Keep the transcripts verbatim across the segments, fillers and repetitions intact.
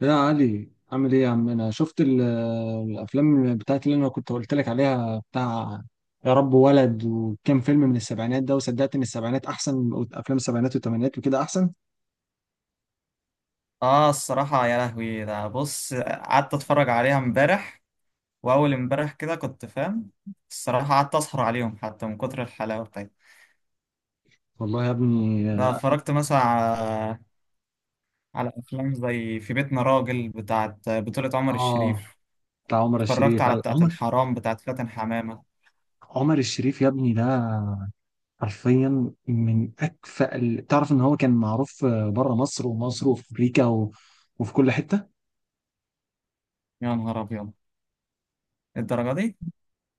يا علي، عامل ايه يا عم؟ انا شفت ال- الافلام بتاعت اللي انا كنت قلت لك عليها، بتاع يا رب ولد، وكام فيلم من السبعينات ده، وصدقت ان السبعينات احسن من افلام السبعينات والثمانينات وكده احسن. اه، الصراحة يا لهوي، ده بص قعدت اتفرج عليها امبارح، واول امبارح كده، كنت فاهم. الصراحة قعدت اسهر عليهم حتى من كتر الحلاوة بتاعتها. والله يا ابني ده افلام، اتفرجت مثلا على على افلام زي في بيتنا راجل، بتاعت بطولة عمر اه الشريف. بتاع عمر اتفرجت الشريف، على ايوه بتاعت عمر. الحرام بتاعت فاتن حمامة. عمر الشريف يا ابني ده حرفيا من اكفأ ال... تعرف ان هو كان معروف بره مصر، ومصر، وفي امريكا و... وفي كل حتة. يا نهار ابيض، الدرجة دي؟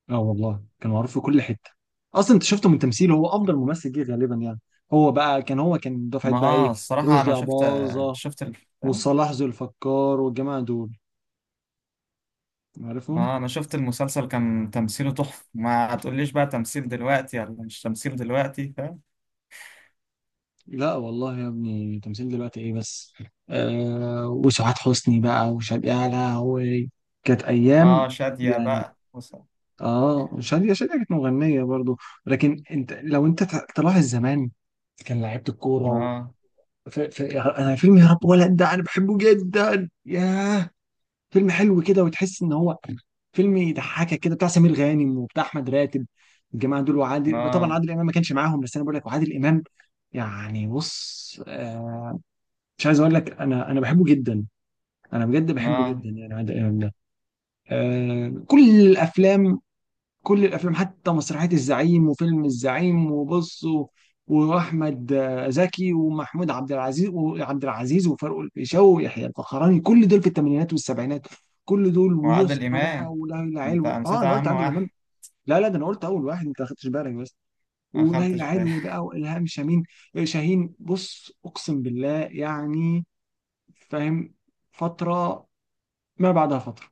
اه والله كان معروف في كل حته. اصلا انت شفته من تمثيله، هو افضل ممثل جه غالبا يعني. هو بقى كان، هو كان دفعه ما بقى ايه؟ اه، الصراحة رشدي انا شفت، اباظه شفت ال... وصلاح ذو الفقار والجماعه دول، عارفهم. ما آه، انا شفت المسلسل كان تمثيله تحفة. ما هتقوليش بقى تمثيل دلوقتي ولا مش تمثيل دلوقتي. لا والله يا ابني، تمثيل دلوقتي ايه بس؟ آه وسعاد حسني بقى وشادية اعلى، وكانت ايام اه، شادية يعني. بقى وصل. اه شادية شادية كانت مغنيه برضو. لكن انت لو انت ت- تلاحظ زمان كان لعيبه الكوره. اه. في في يا- انا فيلم يا رب ولد ده انا بحبه جدا، ياه فيلم حلو كده، وتحس ان هو فيلم يضحكك كده، بتاع سمير غانم وبتاع احمد راتب الجماعه دول، وعادل طبعا، اه. عادل امام ما كانش معاهم، بس انا بقول لك وعادل امام يعني. بص آه مش عايز اقول لك، انا انا بحبه جدا، انا بجد بحبه اه جدا يعني عادل امام ده. آه كل الافلام، كل الافلام، حتى مسرحيه الزعيم وفيلم الزعيم، وبص و- واحمد آه، زكي، ومحمود عبد العزيز، وعبد العزيز، وفاروق الفيشاوي، ويحيى الفخراني، كل دول في الثمانينات والسبعينات. كل دول وعادل ويسرا بقى إمام، وليلى انت علوي، اه نسيت انا قلت اهم عادل امام. واحد. لا لا، ده انا قلت اول واحد، انت ما خدتش بالك بس. ما وليلى خدتش بالي. علوي بقى والهام شاهين. آه، شاهين. بص اقسم بالله يعني، فاهم، فتره ما بعدها فتره،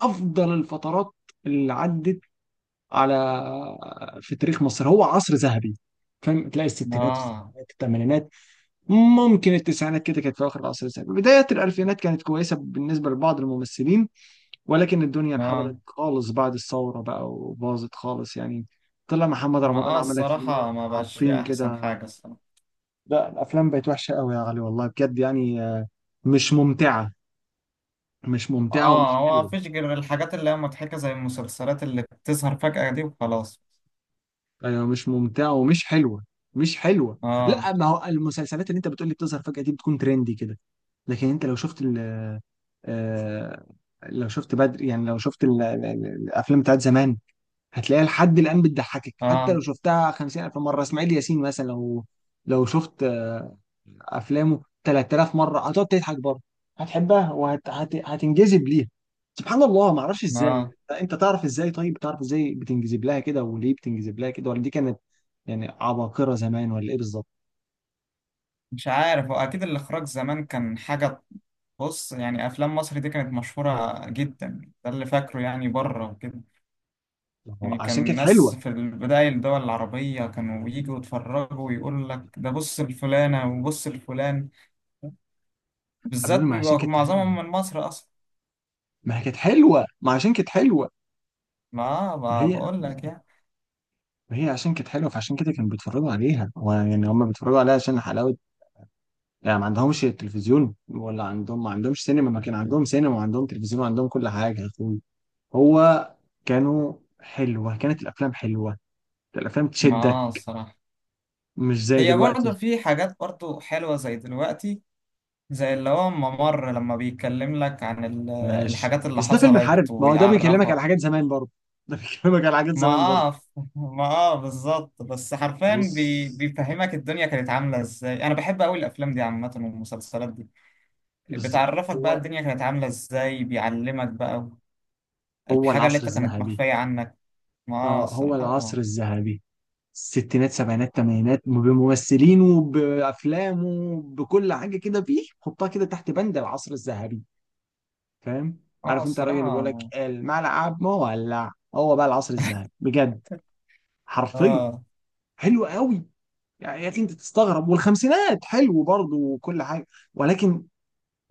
افضل الفترات اللي عدت على، في تاريخ مصر، هو عصر ذهبي. فاهم، تلاقي الستينات، اه. السبعينات، الثمانينات، ممكن التسعينات كده كانت في اخر العصر الذهبي. بداية الالفينات كانت كويسة بالنسبة لبعض الممثلين، ولكن الدنيا انحدرت اه، خالص بعد الثورة بقى، وباظت خالص يعني. طلع محمد ما رمضان اه عمل لك فيلمين الصراحة ما بقاش فيه عابطين احسن كده. حاجة، الصراحة. لا الافلام بقت وحشة قوي يا علي، والله بجد يعني، آه، مش ممتعة، مش ممتعة اه، ومش هو حلوة. مفيش غير الحاجات اللي هي مضحكة زي المسلسلات اللي بتظهر فجأة دي، وخلاص. ايوه مش ممتعه ومش حلوه، مش حلوه. اه. لا ما هو المسلسلات اللي انت بتقولي بتظهر فجأة دي بتكون ترندي كده. لكن انت لو شفت ال، آه، لو شفت بدر، يعني لو شفت ال- ال- ال- الافلام بتاعت زمان، هتلاقيها لحد الان بتضحكك حتى اه. لو شفتها خمسين الف مره. اسماعيل ياسين مثلا، لو لو شفت آه، افلامه ثلاثة آلاف مره هتقعد تضحك برضه، هتحبها وهتنجذب ليها. سبحان الله، ما اعرفش ازاي. اه، انت تعرف ازاي طيب؟ تعرف ازاي بتنجذب لها كده، وليه بتنجذب لها كده؟ ولا دي كانت يعني عباقرة زمان ولا ايه بالظبط؟ مش عارف، هو اكيد الاخراج زمان كان حاجة. بص يعني افلام مصر دي كانت مشهورة جدا، ده اللي فاكره يعني، بره وكده. هو يعني كان عشان كانت الناس حلوة. في البداية الدول العربية كانوا يجوا يتفرجوا ويقول لك ده بص الفلانة وبص الفلان، حبيبي بالذات ما عشان بيبقى كانت حلوة، معظمهم من مصر أصلا. ما هي كانت حلوة، ما عشان كانت حلوة. ما ما ما هي بقول لك يعني. ما هي عشان كانت حلوة فعشان كده كانوا بيتفرجوا عليها، هو يعني هم بيتفرجوا عليها عشان حلاوة يعني. ما عندهمش تلفزيون ولا عندهم، ما عندهمش سينما؟ ما كان عندهم سينما وعندهم تلفزيون وعندهم كل حاجة يا اخوي. هو كانوا حلوة، كانت الأفلام حلوة، الأفلام تشدك، ما الصراحة، مش زي هي برضه دلوقتي. في حاجات برضه حلوة زي دلوقتي، زي اللي هو ممر لما بيتكلم لك عن ال- ماشي، الحاجات اللي بس ده فيلم حرب، حصلت ما هو ده بيكلمك ويعرفك. على حاجات زمان برضه. ده بيكلمك على حاجات ما زمان برضه. اه ما اه بالظبط، بس حرفيا بص بي... بيفهمك الدنيا كانت عاملة ازاي. انا بحب قوي الافلام دي عامة والمسلسلات دي، بالظبط، بتعرفك بقى هو الدنيا كانت عاملة ازاي، بيعلمك بقى هو الحاجة اللي العصر انت كانت الذهبي. مخفية عنك. ما آه، اه هو العصر الصراحة. الذهبي، الستينات، سبعينات، تمانينات، بممثلينه بافلامه بكل حاجه كده، فيه حطها كده تحت بند العصر الذهبي. فاهم؟ اه عارف انت الراجل اللي بيقول لك الصراحة. الملعب مولع؟ هو بقى العصر الذهبي بجد، حرفيا، اه حلو قوي. يعني يا اخي انت تستغرب، والخمسينات حلو برضه وكل حاجه، ولكن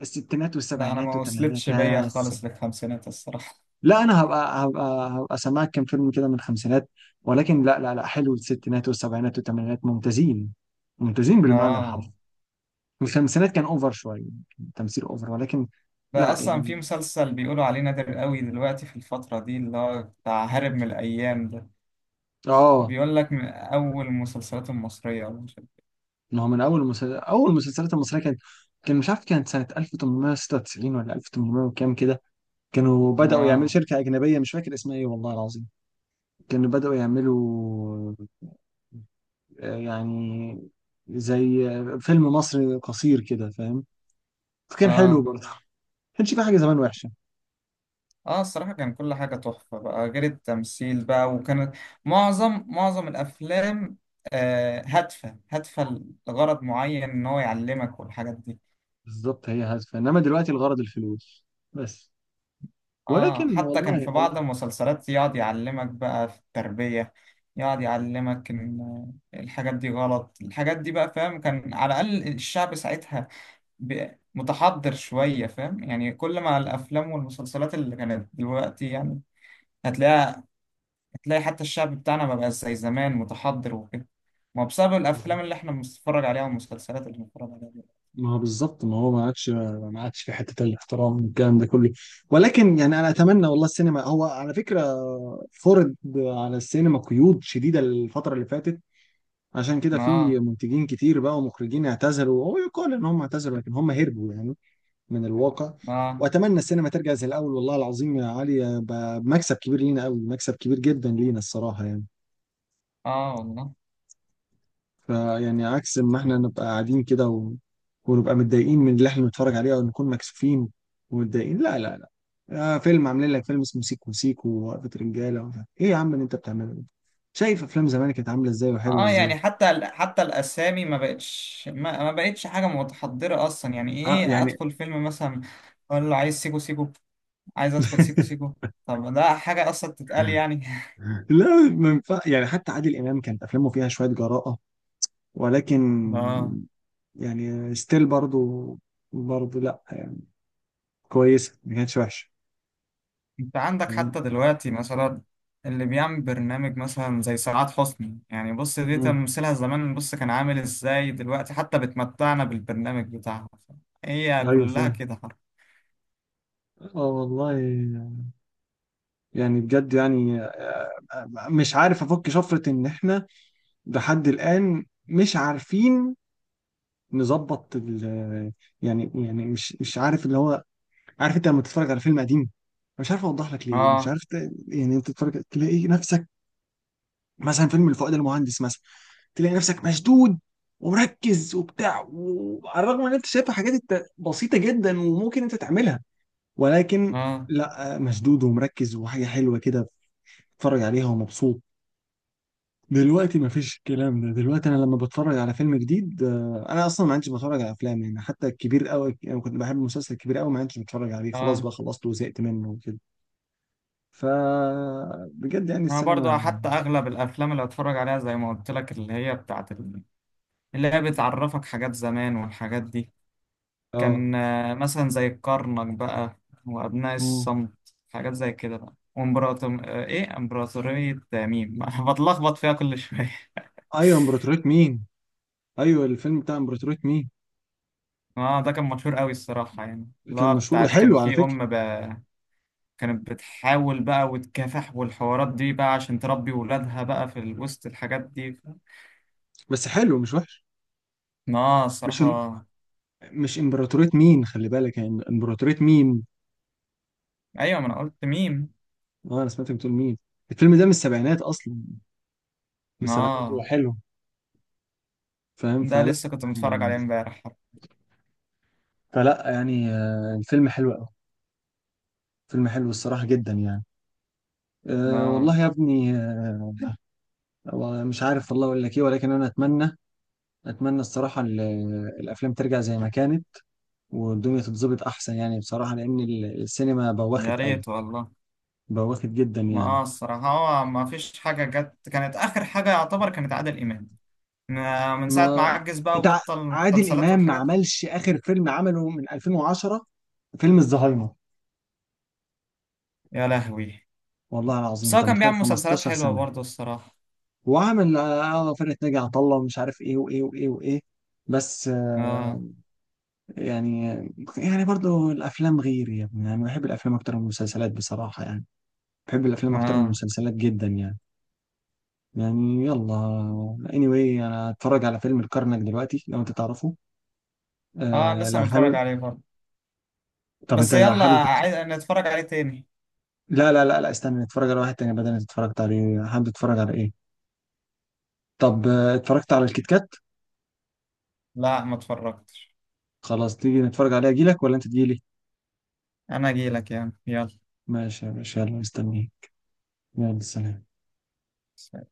الستينات لا، انا والسبعينات ما والثمانينات وصلتش بيا يا. خالص للخمسينات الصراحة. لا انا هبقى هبقى هبقى سامعك كام فيلم كده من الخمسينات، ولكن لا لا لا حلو، الستينات والسبعينات والثمانينات ممتازين، ممتازين بالمعنى الحرفي. اه. الخمسينات كان اوفر شويه، كان تمثيل اوفر ولكن، ده لا اصلا في يعني. مسلسل بيقولوا عليه نادر قوي دلوقتي في الفترة دي، اللي هو بتاع هارب من الايام ده. اه بيقول لك من اول المسلسلات المصرية. ما هو من اول مسلسل، اول المسلسلات المصريه كانت، كان مش عارف، كانت سنه ألف وثمانمائة وستة وتسعين ولا ألف وتمنمية وكام كده. كانوا بداوا يعملوا ما شركه اجنبيه مش فاكر اسمها ايه، والله العظيم. كانوا بداوا يعملوا آه، يعني زي فيلم مصري قصير كده، فاهم؟ فكان حلو اه برضه، ما كانش في حاجه زمان وحشه. اه الصراحة، كان كل حاجة تحفة بقى غير التمثيل بقى، وكانت معظم معظم الأفلام آه هادفة هادفة لغرض معين، إن هو يعلمك والحاجات دي. بالظبط، هي هادفه، انما دلوقتي الغرض الفلوس بس. اه، ولكن حتى كان والله في بعض والله. المسلسلات يقعد يعلمك بقى في التربية، يقعد يعلمك إن الحاجات دي غلط، الحاجات دي بقى فاهم. كان على الأقل الشعب ساعتها ب- متحضر شوية فاهم يعني. كل ما الأفلام والمسلسلات اللي كانت دلوقتي يعني، هتلاقيها، هتلاقي حتى الشعب بتاعنا ما بقاش زي زمان متحضر وكده. ما هو بسبب بالظبط. الافلام اللي احنا بنتفرج عليها والمسلسلات اللي بنتفرج عليها دي. ما هو بالظبط، ما هو ما عادش ما عادش في حته الاحترام والكلام ده كله. ولكن يعني انا اتمنى، والله السينما هو على فكره، فرض على السينما قيود شديده الفتره اللي فاتت، عشان كده في اه. منتجين كتير بقى ومخرجين اعتزلوا. هو يقال ان هم اعتزلوا لكن هم هربوا يعني من الواقع. اه. واتمنى السينما ترجع زي الاول، والله العظيم يا علي ب- مكسب كبير لينا قوي، مكسب كبير جدا لينا الصراحه يعني. اه والله. فيعني عكس ما احنا نبقى قاعدين كده و... ونبقى متضايقين من اللي احنا بنتفرج عليه، او نكون مكسوفين ومتضايقين. لا لا لا، آه فيلم، عاملين لك فيلم اسمه سيكو سيكو، ووقفة رجاله، ومش عارف- ايه يا عم اللي انت بتعمله ده؟ شايف افلام زمان كانت عامله ازاي وحلوه اه، ازاي؟ يعني حتى ال- حتى الاسامي ما بقتش، ما, ما بقتش حاجه متحضره اصلا، يعني اه ايه، يعني ادخل فيلم مثلا اقول له عايز سيكو سيكو، عايز ادخل سيكو سيكو؟ طب ده حاجه اصلا تتقال يعني؟ لا ما ينفع يعني. حتى عادل امام كانت افلامه فيها شويه جراءه ولكن اه. يعني ستيل برضو، برضو لا يعني كويسة، ما كانتش وحشة. انت عندك فاهم؟ حتى دلوقتي مثلا اللي بيعمل برنامج مثلا زي سعاد حسني، يعني بص، دي مم. تمثيلها زمان، بص كان عامل ازاي دلوقتي، حتى بتمتعنا بالبرنامج بتاعها. هي ايوه كلها فاهم. كده حرف. اه والله. يعني بجد يعني آه، آه، مش عارف افك شفرة ان احنا لحد الان مش عارفين نظبط ال، يعني يعني مش مش عارف اللي هو، عارف انت لما تتفرج على فيلم قديم، مش عارف اوضح لك ليه، مش اه. عارف ت- يعني. انت تتفرج تلاقي نفسك، مثلا فيلم الفؤاد المهندس مثلا، تلاقي نفسك مشدود ومركز وبتاع، وعلى الرغم ان انت شايف حاجات انت بسيطه جدا وممكن انت تعملها، ولكن اه. لا، مشدود ومركز وحاجه حلوه كده، بتتفرج عليها ومبسوط. دلوقتي مفيش الكلام ده، دلوقتي انا لما بتفرج على فيلم جديد آه، انا اصلا ما عنديش بتفرج على افلام يعني. حتى الكبير قوي يعني، كنت بحب مسلسل كبير قوي، ما عنديش بتفرج عليه، خلاص اه، بقى خلصته وزهقت منه وكده. ف بجد يعني انا برضو السينما، حتى اغلب الافلام اللي اتفرج عليها زي ما قلت لك، اللي هي بتاعت ال- اللي هي بتعرفك حاجات زمان والحاجات دي. اه. كان آه، مثلا زي الكرنك بقى وأبناء مم. الصمت، حاجات زي كده بقى، وامبراطور آه، إيه إمبراطورية ميم بتلخبط فيها كل شوية ايوه امبراطورية مين. ايوه الفيلم بتاع امبراطورية مين، اه، ده كان مشهور قوي الصراحة يعني. كان لا مشهور بتاعت كان وحلو على في فكرة. أم بقى كانت بتحاول بقى وتكافح والحوارات دي بقى عشان تربي ولادها بقى في ال- وسط الحاجات دي. بس حلو مش وحش. اه مش إم... الصراحة. مش امبراطورية مين، خلي بالك، يعني امبراطورية مين. أيوة، ما أنا قلت ميم. اه انا سمعتك بتقول مين. الفيلم ده من السبعينات اصلا، من السبعينات. هو اه، حلو، فاهم؟ ده فلا لسه كنت متفرج عليه يعني امبارح. فلا يعني آه، الفيلم حلو قوي، فيلم حلو الصراحة جدا يعني. أه اه. والله يا ابني آه، هو مش عارف والله اقول لك ايه، ولكن انا اتمنى، اتمنى الصراحة ال- الافلام ترجع زي ما كانت، والدنيا تتظبط احسن يعني بصراحة، لان ال- السينما يا بوخت قوي، ريت والله. بواخد جدا ما يعني. اه، الصراحة هو ما فيش حاجة جت كانت آخر حاجة يعتبر كانت عادل إمام، ما- من ساعة ما ما عجز بقى انت ع- وبطل. عادل المسلسلات امام ما والحاجات... عملش اخر فيلم عمله من الفين وعشرة، فيلم الزهايمر. يا لهوي. والله العظيم بس هو انت كان متخيل بيعمل مسلسلات خمستاشر حلوة سنه؟ برضه الصراحة. وعمل اه آه، فرقه ناجي عطا الله ومش عارف ايه وايه وايه وايه، بس آه، اه. يعني. يعني برضو الافلام غير يا ابني يعني، بحب الافلام اكتر من المسلسلات بصراحه يعني، بحب الافلام اكتر من اه. المسلسلات جدا يعني. يعني يلا، anyway انا هتفرج على فيلم الكرنك دلوقتي لو انت تعرفه، اه آه لسه لو متفرج حابب. عليه برضه. طب انت بس يلا، حابب؟ عايز نتفرج عليه تاني. لا لا لا لا استنى، نتفرج على واحد تاني بدل اللي اتفرجت عليه. حابب تتفرج على ايه؟ طب آه، اتفرجت على الكيت كات؟ لا، ما اتفرجتش. خلاص تيجي نتفرج عليه، اجيلك ولا انت تجيلي؟ أنا أجيلك يعني. ماشي يا باشا، يلا مستنيك. يلا سلام. يلا